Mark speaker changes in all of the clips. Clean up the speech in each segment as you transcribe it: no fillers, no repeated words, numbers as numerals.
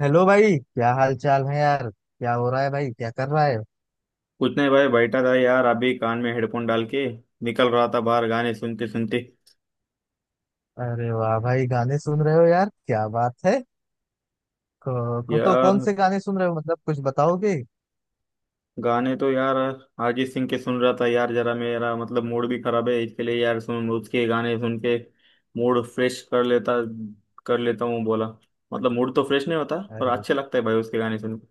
Speaker 1: Hello भाई, क्या हाल चाल है यार। क्या हो रहा है भाई, क्या कर रहा है?
Speaker 2: कुछ नहीं भाई, बैठा था यार अभी कान में हेडफोन डाल के निकल रहा था बाहर गाने सुनते सुनते।
Speaker 1: अरे वाह भाई, गाने सुन रहे हो यार, क्या बात है। को तो कौन
Speaker 2: यार,
Speaker 1: से गाने सुन रहे हो, मतलब कुछ बताओगे?
Speaker 2: गाने तो यार अरिजीत सिंह के सुन रहा था यार। जरा मेरा मतलब मूड भी खराब है इसके लिए यार। सुन उसके गाने सुन के मूड फ्रेश कर लेता हूँ बोला। मतलब मूड तो फ्रेश नहीं होता पर
Speaker 1: अरे
Speaker 2: अच्छे लगता है भाई उसके गाने सुन के।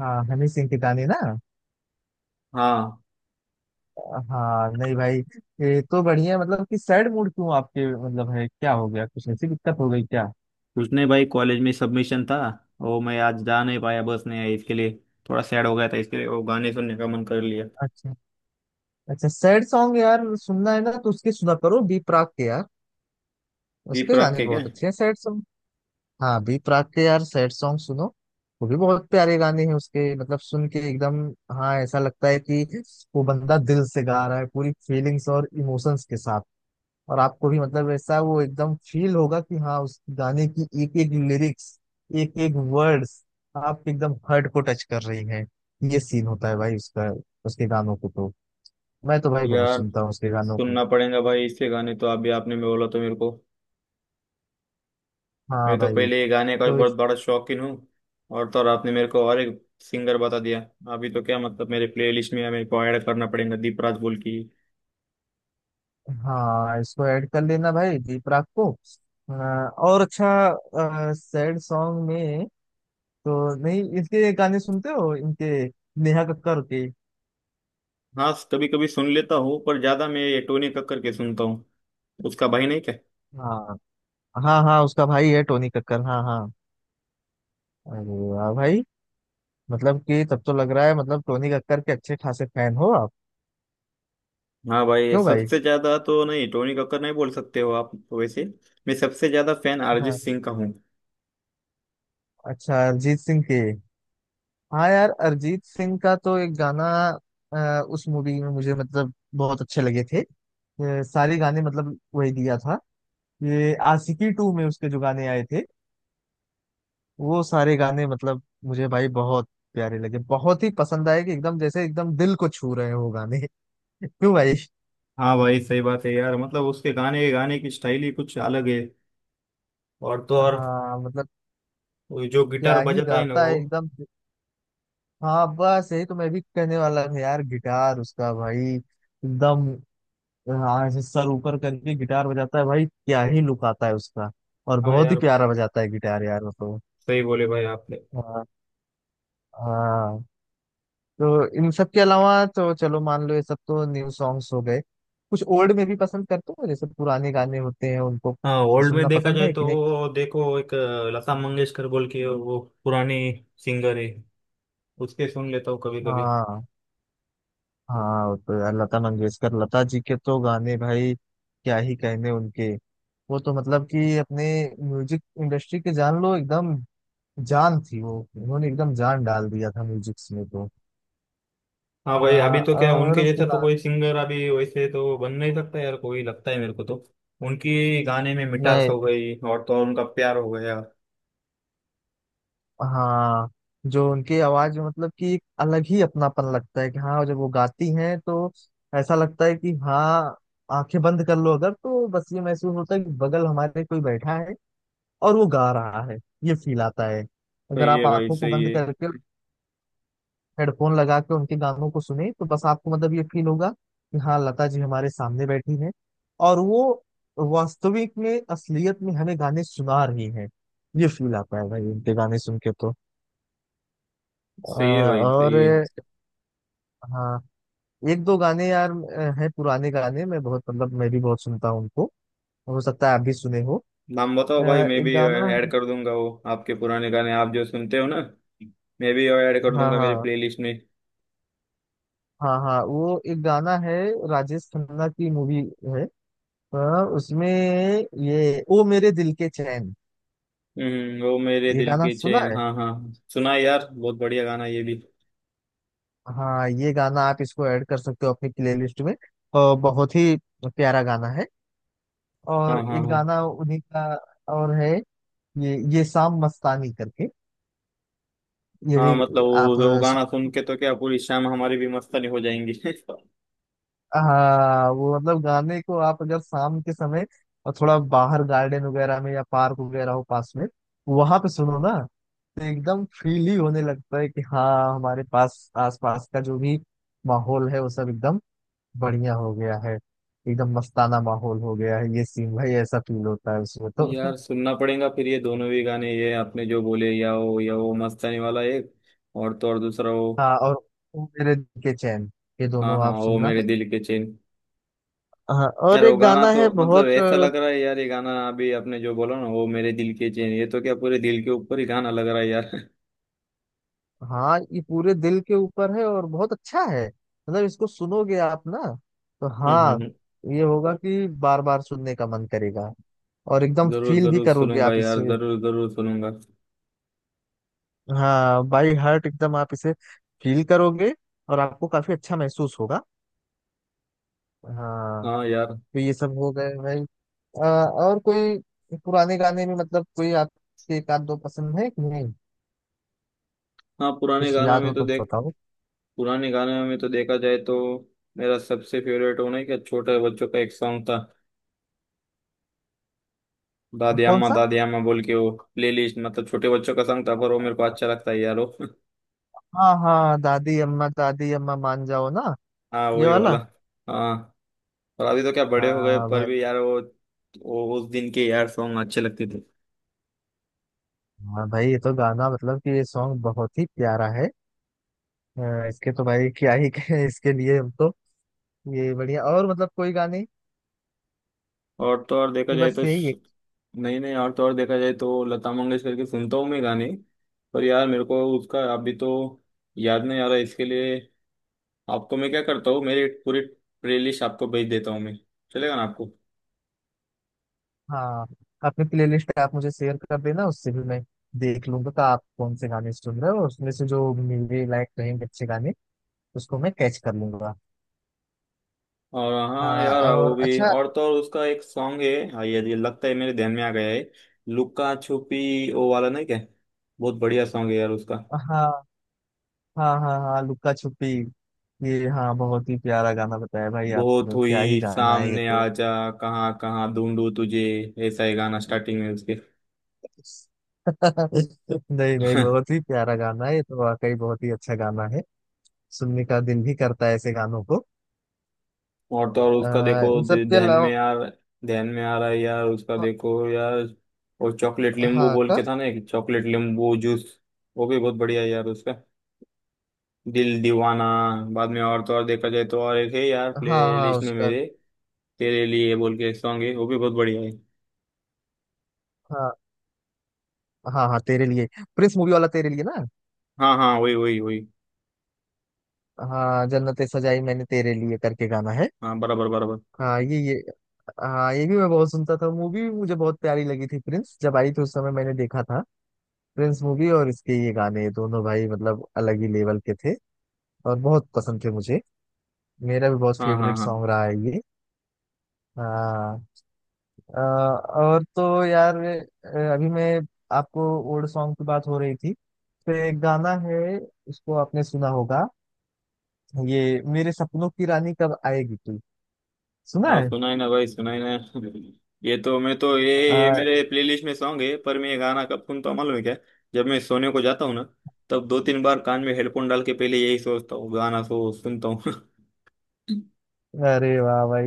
Speaker 1: हाँ, हनी सिंह के गाने ना?
Speaker 2: हाँ।
Speaker 1: हाँ नहीं भाई, ये तो बढ़िया है, मतलब कि सैड मूड क्यों आपके, मतलब है क्या, हो गया कुछ ऐसी दिक्कत हो गई क्या?
Speaker 2: कुछ नहीं भाई, कॉलेज में सबमिशन था, वो मैं आज जा नहीं पाया, बस नहीं आई इसके लिए। थोड़ा सैड हो गया था इसके लिए वो गाने सुनने का मन कर लिया।
Speaker 1: अच्छा, अच्छा सैड सॉन्ग यार सुनना है ना तो उसके सुना करो बी प्राक के यार।
Speaker 2: दीप
Speaker 1: उसके
Speaker 2: रख
Speaker 1: गाने
Speaker 2: के क्या।
Speaker 1: बहुत अच्छे हैं सैड। हाँ बी प्राक के यार सैड सॉन्ग सुनो। वो भी बहुत प्यारे गाने हैं उसके, मतलब सुन के एकदम, हाँ ऐसा लगता है कि वो बंदा दिल से गा रहा है पूरी फीलिंग्स और इमोशंस के साथ। और आपको भी मतलब ऐसा वो एकदम फील होगा कि हाँ उस गाने की एक एक लिरिक्स, एक एक वर्ड्स आप एकदम हर्ट को टच कर रही हैं। ये सीन होता है भाई उसका, उसके गानों को तो। मैं तो भाई बहुत
Speaker 2: यार
Speaker 1: सुनता हूँ उसके गानों को।
Speaker 2: सुनना पड़ेगा भाई इसके गाने तो, अभी आपने में बोला तो मेरे को।
Speaker 1: हाँ
Speaker 2: मैं तो
Speaker 1: भाई।
Speaker 2: पहले ये गाने का
Speaker 1: तो
Speaker 2: बहुत बड़ा शौकीन हूँ। और तो और आपने मेरे को और एक सिंगर बता दिया। अभी तो क्या मतलब मेरे प्लेलिस्ट में मेरे को ऐड करना पड़ेगा दीपराज बोल की।
Speaker 1: हाँ, इसको ऐड कर लेना भाई दीप राग को। और अच्छा सैड सॉन्ग में तो नहीं इसके गाने सुनते हो इनके, नेहा कक्कर के?
Speaker 2: हाँ, कभी कभी सुन लेता हूँ पर ज्यादा मैं ये टोनी कक्कर के सुनता हूँ। उसका भाई नहीं क्या?
Speaker 1: हाँ हाँ हाँ, उसका भाई है टोनी कक्कर, हाँ हाँ। अरे वाह भाई, मतलब कि तब तो लग रहा है मतलब टोनी कक्कर के अच्छे खासे फैन हो आप।
Speaker 2: हाँ भाई,
Speaker 1: क्यों भाई?
Speaker 2: सबसे ज्यादा तो नहीं टोनी कक्कर नहीं बोल सकते हो आप तो। वैसे मैं सबसे ज्यादा फैन अरिजीत
Speaker 1: हाँ।
Speaker 2: सिंह का हूँ।
Speaker 1: अच्छा अरिजीत सिंह के, हाँ यार अरिजीत सिंह का तो एक गाना उस मूवी में मुझे मतलब बहुत अच्छे लगे थे। सारे गाने मतलब वही दिया था, ये आशिकी टू में उसके जो गाने आए थे, वो सारे गाने मतलब मुझे भाई बहुत प्यारे लगे, बहुत ही पसंद आए कि एकदम जैसे एकदम दिल को छू रहे हो गाने क्यों भाई?
Speaker 2: हाँ भाई, सही बात है यार। मतलब उसके गाने गाने की स्टाइल ही कुछ अलग है। और तो और
Speaker 1: हाँ मतलब
Speaker 2: वो जो गिटार
Speaker 1: क्या ही
Speaker 2: बजाता है ना
Speaker 1: गाता
Speaker 2: वो।
Speaker 1: है एकदम। हाँ बस यही तो मैं भी कहने वाला हूँ यार, गिटार उसका भाई एकदम, हाँ ऐसे सर ऊपर करके गिटार बजाता है भाई, क्या ही लुक आता है उसका। और
Speaker 2: हाँ
Speaker 1: बहुत ही
Speaker 2: यार,
Speaker 1: प्यारा बजाता है गिटार यार वो तो।
Speaker 2: सही बोले भाई आपने।
Speaker 1: हाँ। हाँ तो इन सब के अलावा तो चलो मान लो ये सब तो न्यू सॉन्ग्स हो गए, कुछ ओल्ड में भी पसंद करते हो? जैसे पुराने गाने होते हैं उनको
Speaker 2: हाँ, ओल्ड में
Speaker 1: सुनना
Speaker 2: देखा
Speaker 1: पसंद
Speaker 2: जाए
Speaker 1: है
Speaker 2: तो
Speaker 1: कि नहीं?
Speaker 2: वो देखो एक लता मंगेशकर बोल के वो पुरानी सिंगर है। उसके सुन लेता हूँ कभी कभी।
Speaker 1: हाँ हाँ, वो तो यार लता मंगेशकर, लता जी के तो गाने भाई क्या ही कहने उनके। वो तो मतलब कि अपने म्यूजिक इंडस्ट्री के जान लो एकदम, जान थी वो, उन्होंने एकदम जान डाल दिया था म्यूजिक में तो।
Speaker 2: हाँ भाई, अभी तो क्या उनके
Speaker 1: और
Speaker 2: जैसा तो कोई सिंगर अभी वैसे तो बन नहीं सकता यार, कोई लगता है मेरे को तो। उनकी गाने में मिठास
Speaker 1: नहीं,
Speaker 2: हो गई और तो और उनका प्यार हो गया।
Speaker 1: हाँ जो उनकी आवाज में मतलब कि एक अलग ही अपनापन लगता है कि हाँ, जब वो गाती हैं तो ऐसा लगता है कि हाँ, आंखें बंद कर लो अगर तो बस ये महसूस होता है कि बगल हमारे कोई बैठा है और वो गा रहा है, ये फील आता है। अगर
Speaker 2: सही
Speaker 1: आप
Speaker 2: है भाई,
Speaker 1: आंखों को
Speaker 2: सही
Speaker 1: बंद
Speaker 2: है।
Speaker 1: करके हेडफोन लगा के उनके गानों को सुने तो बस आपको मतलब ये फील होगा कि हाँ लता जी हमारे सामने बैठी हैं, और वो वास्तविक में, असलियत में हमें गाने सुना रही हैं। ये फील आता है भाई उनके गाने सुन के तो।
Speaker 2: सही है भाई,
Speaker 1: और
Speaker 2: सही है।
Speaker 1: हाँ, एक दो गाने यार हैं पुराने गाने, मैं बहुत मतलब मैं भी बहुत सुनता हूँ उनको। हो सकता है आप भी सुने हो।
Speaker 2: नाम
Speaker 1: अ,
Speaker 2: बताओ भाई, मैं
Speaker 1: एक
Speaker 2: भी
Speaker 1: गाना,
Speaker 2: ऐड कर दूंगा वो आपके पुराने गाने आप जो सुनते हो ना। मैं भी ऐड कर
Speaker 1: हाँ
Speaker 2: दूंगा मेरे
Speaker 1: हाँ।
Speaker 2: प्लेलिस्ट में।
Speaker 1: हाँ हाँ वो एक गाना है, राजेश खन्ना की मूवी है, अ, उसमें ये ओ मेरे दिल के चैन,
Speaker 2: वो मेरे
Speaker 1: ये
Speaker 2: दिल
Speaker 1: गाना
Speaker 2: के
Speaker 1: सुना
Speaker 2: चैन।
Speaker 1: है?
Speaker 2: हाँ हाँ हाँ। सुना है यार, बहुत बढ़िया गाना ये भी।
Speaker 1: हाँ ये गाना आप इसको ऐड कर सकते हो अपनी प्लेलिस्ट में, और बहुत ही प्यारा गाना है।
Speaker 2: हाँ
Speaker 1: और
Speaker 2: हाँ
Speaker 1: एक
Speaker 2: हाँ
Speaker 1: गाना उन्हीं का और है, ये शाम मस्तानी करके, ये भी
Speaker 2: हाँ। मतलब
Speaker 1: आप
Speaker 2: वो
Speaker 1: सु-
Speaker 2: गाना सुन के तो क्या पूरी शाम हमारी भी मस्तानी हो जाएंगी।
Speaker 1: हाँ वो मतलब गाने को आप अगर शाम के समय और थोड़ा बाहर गार्डन वगैरह में या पार्क वगैरह हो पास में वहां पे सुनो ना तो एकदम फील ही होने लगता है कि हाँ हमारे पास आसपास का जो भी माहौल है वो सब एकदम बढ़िया हो गया है, एकदम मस्ताना माहौल हो गया है, ये सीन भाई ऐसा फील होता है उसमें तो
Speaker 2: यार सुनना पड़ेगा फिर ये दोनों भी गाने, ये आपने जो बोले, या वो मस्तानी वाला एक, और तो और दूसरा वो।
Speaker 1: हाँ और ओ मेरे दिल के चैन, ये
Speaker 2: हाँ
Speaker 1: दोनों
Speaker 2: हाँ,
Speaker 1: आप
Speaker 2: वो
Speaker 1: सुनना।
Speaker 2: मेरे दिल के चैन।
Speaker 1: हाँ और
Speaker 2: यार वो
Speaker 1: एक
Speaker 2: गाना
Speaker 1: गाना
Speaker 2: तो
Speaker 1: है
Speaker 2: मतलब
Speaker 1: बहुत।
Speaker 2: ऐसा लग रहा है यार, ये गाना अभी आपने जो बोला ना वो मेरे दिल के चैन, ये तो क्या पूरे दिल के ऊपर ही गाना लग रहा है यार।
Speaker 1: हाँ ये पूरे दिल के ऊपर है और बहुत अच्छा है, मतलब इसको सुनोगे आप ना तो
Speaker 2: हम्म
Speaker 1: हाँ
Speaker 2: हम्म, हम्म।
Speaker 1: ये होगा कि बार बार सुनने का मन करेगा और एकदम
Speaker 2: जरूर
Speaker 1: फील भी
Speaker 2: जरूर
Speaker 1: करोगे
Speaker 2: सुनूंगा
Speaker 1: आप
Speaker 2: यार,
Speaker 1: इसे।
Speaker 2: जरूर जरूर सुनूंगा।
Speaker 1: हाँ बाई हार्ट एकदम आप इसे फील करोगे, और आपको काफी अच्छा महसूस होगा। हाँ।
Speaker 2: हाँ यार।
Speaker 1: तो ये सब हो गए भाई। और कोई पुराने गाने में मतलब कोई आपके एक आध दो पसंद है कि नहीं,
Speaker 2: हाँ,
Speaker 1: कुछ याद हो तो बताओ।
Speaker 2: पुराने गानों में तो देखा जाए तो मेरा सबसे फेवरेट होना है क्या, छोटे बच्चों का एक सॉन्ग था,
Speaker 1: कौन सा?
Speaker 2: दादी अम्मा बोल के वो प्लेलिस्ट। मतलब छोटे बच्चों का सॉन्ग था पर वो मेरे को अच्छा लगता है यार वो।
Speaker 1: हाँ हाँ, दादी अम्मा मान जाओ ना,
Speaker 2: हाँ
Speaker 1: ये
Speaker 2: वही
Speaker 1: वाला।
Speaker 2: वाला। हाँ और अभी तो क्या बड़े हो गए
Speaker 1: हाँ
Speaker 2: पर
Speaker 1: भाई।
Speaker 2: भी यार वो उस दिन के यार सॉन्ग अच्छे लगते थे।
Speaker 1: हाँ भाई ये तो गाना मतलब कि ये सॉन्ग बहुत ही प्यारा है। इसके तो भाई क्या ही कहें इसके लिए, हम तो ये बढ़िया और मतलब कोई गाने
Speaker 2: और तो और देखा
Speaker 1: कि
Speaker 2: जाए
Speaker 1: बस
Speaker 2: तो
Speaker 1: यही
Speaker 2: स-
Speaker 1: एक।
Speaker 2: नहीं नहीं, और तो और देखा जाए तो लता मंगेशकर के सुनता हूँ मैं गाने। पर यार मेरे को उसका अभी तो याद नहीं आ रहा इसके लिए। आपको मैं क्या करता हूँ, मेरी पूरी प्लेलिस्ट आपको भेज देता हूँ मैं। चलेगा ना आपको?
Speaker 1: हाँ, अपनी प्लेलिस्ट आप मुझे शेयर कर देना, उससे भी मैं देख लूंगा कि आप कौन से गाने सुन रहे हो, उसमें से जो मेरे लायक रहेंगे अच्छे गाने उसको मैं कैच कर लूंगा।
Speaker 2: और हाँ
Speaker 1: हाँ,
Speaker 2: यार वो
Speaker 1: और
Speaker 2: भी,
Speaker 1: अच्छा।
Speaker 2: और तो और उसका एक सॉन्ग है। हाँ, ये लगता है मेरे ध्यान में आ गया है। लुक्का छुपी वो वाला नहीं क्या? बहुत बढ़िया सॉन्ग है यार उसका।
Speaker 1: हाँ हाँ हाँ हाँ लुक्का छुपी, ये हाँ, बहुत ही प्यारा गाना बताया भाई
Speaker 2: बहुत
Speaker 1: आपने, क्या ही
Speaker 2: हुई
Speaker 1: गाना है ये
Speaker 2: सामने
Speaker 1: तो।
Speaker 2: आ जा, कहाँ कहाँ ढूंढू तुझे, ऐसा ही गाना स्टार्टिंग में उसके।
Speaker 1: नहीं नहीं, बहुत ही प्यारा गाना है ये तो, वाकई बहुत ही अच्छा गाना है। सुनने का दिल भी करता है ऐसे गानों को।
Speaker 2: और तो और उसका देखो
Speaker 1: इन सब के अलावा
Speaker 2: ध्यान में आ रहा है यार उसका देखो यार। और चॉकलेट नींबू
Speaker 1: हाँ
Speaker 2: बोल
Speaker 1: का,
Speaker 2: के था ना एक, चॉकलेट नींबू जूस, वो भी बहुत बढ़िया है यार उसका। दिल दीवाना बाद में, और तो और देखा जाए तो और एक है यार प्ले
Speaker 1: हाँ हाँ
Speaker 2: लिस्ट में
Speaker 1: उसका।
Speaker 2: मेरे, तेरे लिए बोल के एक सॉन्ग है, वो भी बहुत बढ़िया है।
Speaker 1: हाँ हाँ हाँ तेरे लिए, प्रिंस मूवी वाला तेरे लिए ना?
Speaker 2: हाँ हाँ, वही वही वही।
Speaker 1: हाँ, जन्नतें सजाई मैंने तेरे लिए करके गाना है।
Speaker 2: हाँ बराबर बराबर।
Speaker 1: हाँ ये, हाँ ये भी मैं बहुत सुनता था, मूवी भी मुझे बहुत प्यारी लगी थी, प्रिंस जब आई थी उस समय मैंने देखा था। प्रिंस मूवी और इसके ये गाने दोनों भाई मतलब अलग ही लेवल के थे, और बहुत पसंद थे मुझे, मेरा भी बहुत
Speaker 2: हाँ हाँ
Speaker 1: फेवरेट
Speaker 2: हाँ
Speaker 1: सॉन्ग रहा है ये। हाँ। और तो यार अभी मैं आपको ओल्ड सॉन्ग की बात हो रही थी तो एक गाना है उसको आपने सुना होगा, ये मेरे सपनों की रानी कब आएगी तू, सुना
Speaker 2: हाँ,
Speaker 1: है?
Speaker 2: सुनाई ना भाई, सुनाई ना। ये तो मैं तो
Speaker 1: आ,
Speaker 2: ये मेरे प्लेलिस्ट में सॉन्ग है। पर मैं ये गाना कब सुनता हूँ मालूम है क्या? जब मैं सोने को जाता हूँ ना, तब दो तीन बार कान में हेडफोन डाल के पहले यही सोचता हूँ गाना, सो सुनता हूँ।
Speaker 1: अरे वाह भाई।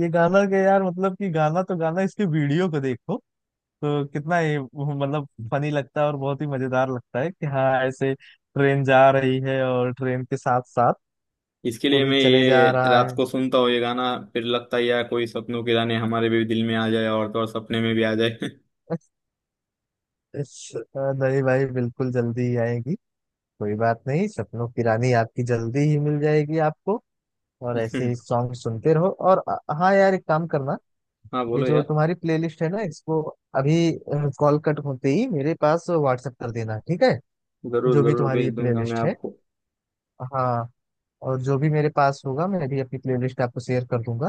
Speaker 1: ये गाना के यार मतलब कि गाना तो गाना, इसके वीडियो को देखो तो कितना ये मतलब फनी लगता है और बहुत ही मजेदार लगता है कि हाँ ऐसे ट्रेन जा रही है और ट्रेन के साथ साथ
Speaker 2: इसके
Speaker 1: वो
Speaker 2: लिए
Speaker 1: भी
Speaker 2: मैं
Speaker 1: चले
Speaker 2: ये
Speaker 1: जा रहा
Speaker 2: रात
Speaker 1: है
Speaker 2: को सुनता हूँ ये गाना। फिर लगता है यार कोई सपनों के गाने हमारे भी दिल में आ जाए और तो और सपने में भी आ जाए।
Speaker 1: नहीं भाई बिल्कुल जल्दी ही आएगी, कोई बात नहीं, सपनों की रानी आपकी जल्दी ही मिल जाएगी आपको। और ऐसे ही सॉन्ग सुनते रहो। और हाँ यार एक काम करना,
Speaker 2: हाँ
Speaker 1: ये
Speaker 2: बोलो
Speaker 1: जो
Speaker 2: यार।
Speaker 1: तुम्हारी प्लेलिस्ट है ना इसको अभी कॉल कट होते ही मेरे पास व्हाट्सएप कर देना, ठीक है?
Speaker 2: जरूर
Speaker 1: जो भी
Speaker 2: जरूर
Speaker 1: तुम्हारी ये
Speaker 2: भेज दूंगा मैं
Speaker 1: प्लेलिस्ट है।
Speaker 2: आपको।
Speaker 1: हाँ, और जो भी मेरे पास होगा मैं भी अपनी प्लेलिस्ट आपको शेयर कर दूंगा,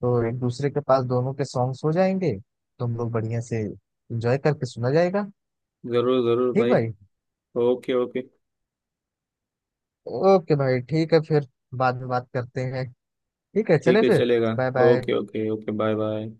Speaker 1: तो एक दूसरे के पास दोनों के सॉन्ग्स हो जाएंगे, तुम लोग बढ़िया से एंजॉय करके सुना जाएगा।
Speaker 2: जरूर जरूर
Speaker 1: ठीक
Speaker 2: भाई।
Speaker 1: भाई।
Speaker 2: Okay okay.
Speaker 1: ओके भाई ठीक है फिर, बाद में बात करते हैं। ठीक है चले
Speaker 2: ठीक है,
Speaker 1: फिर,
Speaker 2: चलेगा।
Speaker 1: Bye bye.
Speaker 2: Okay okay okay, bye bye.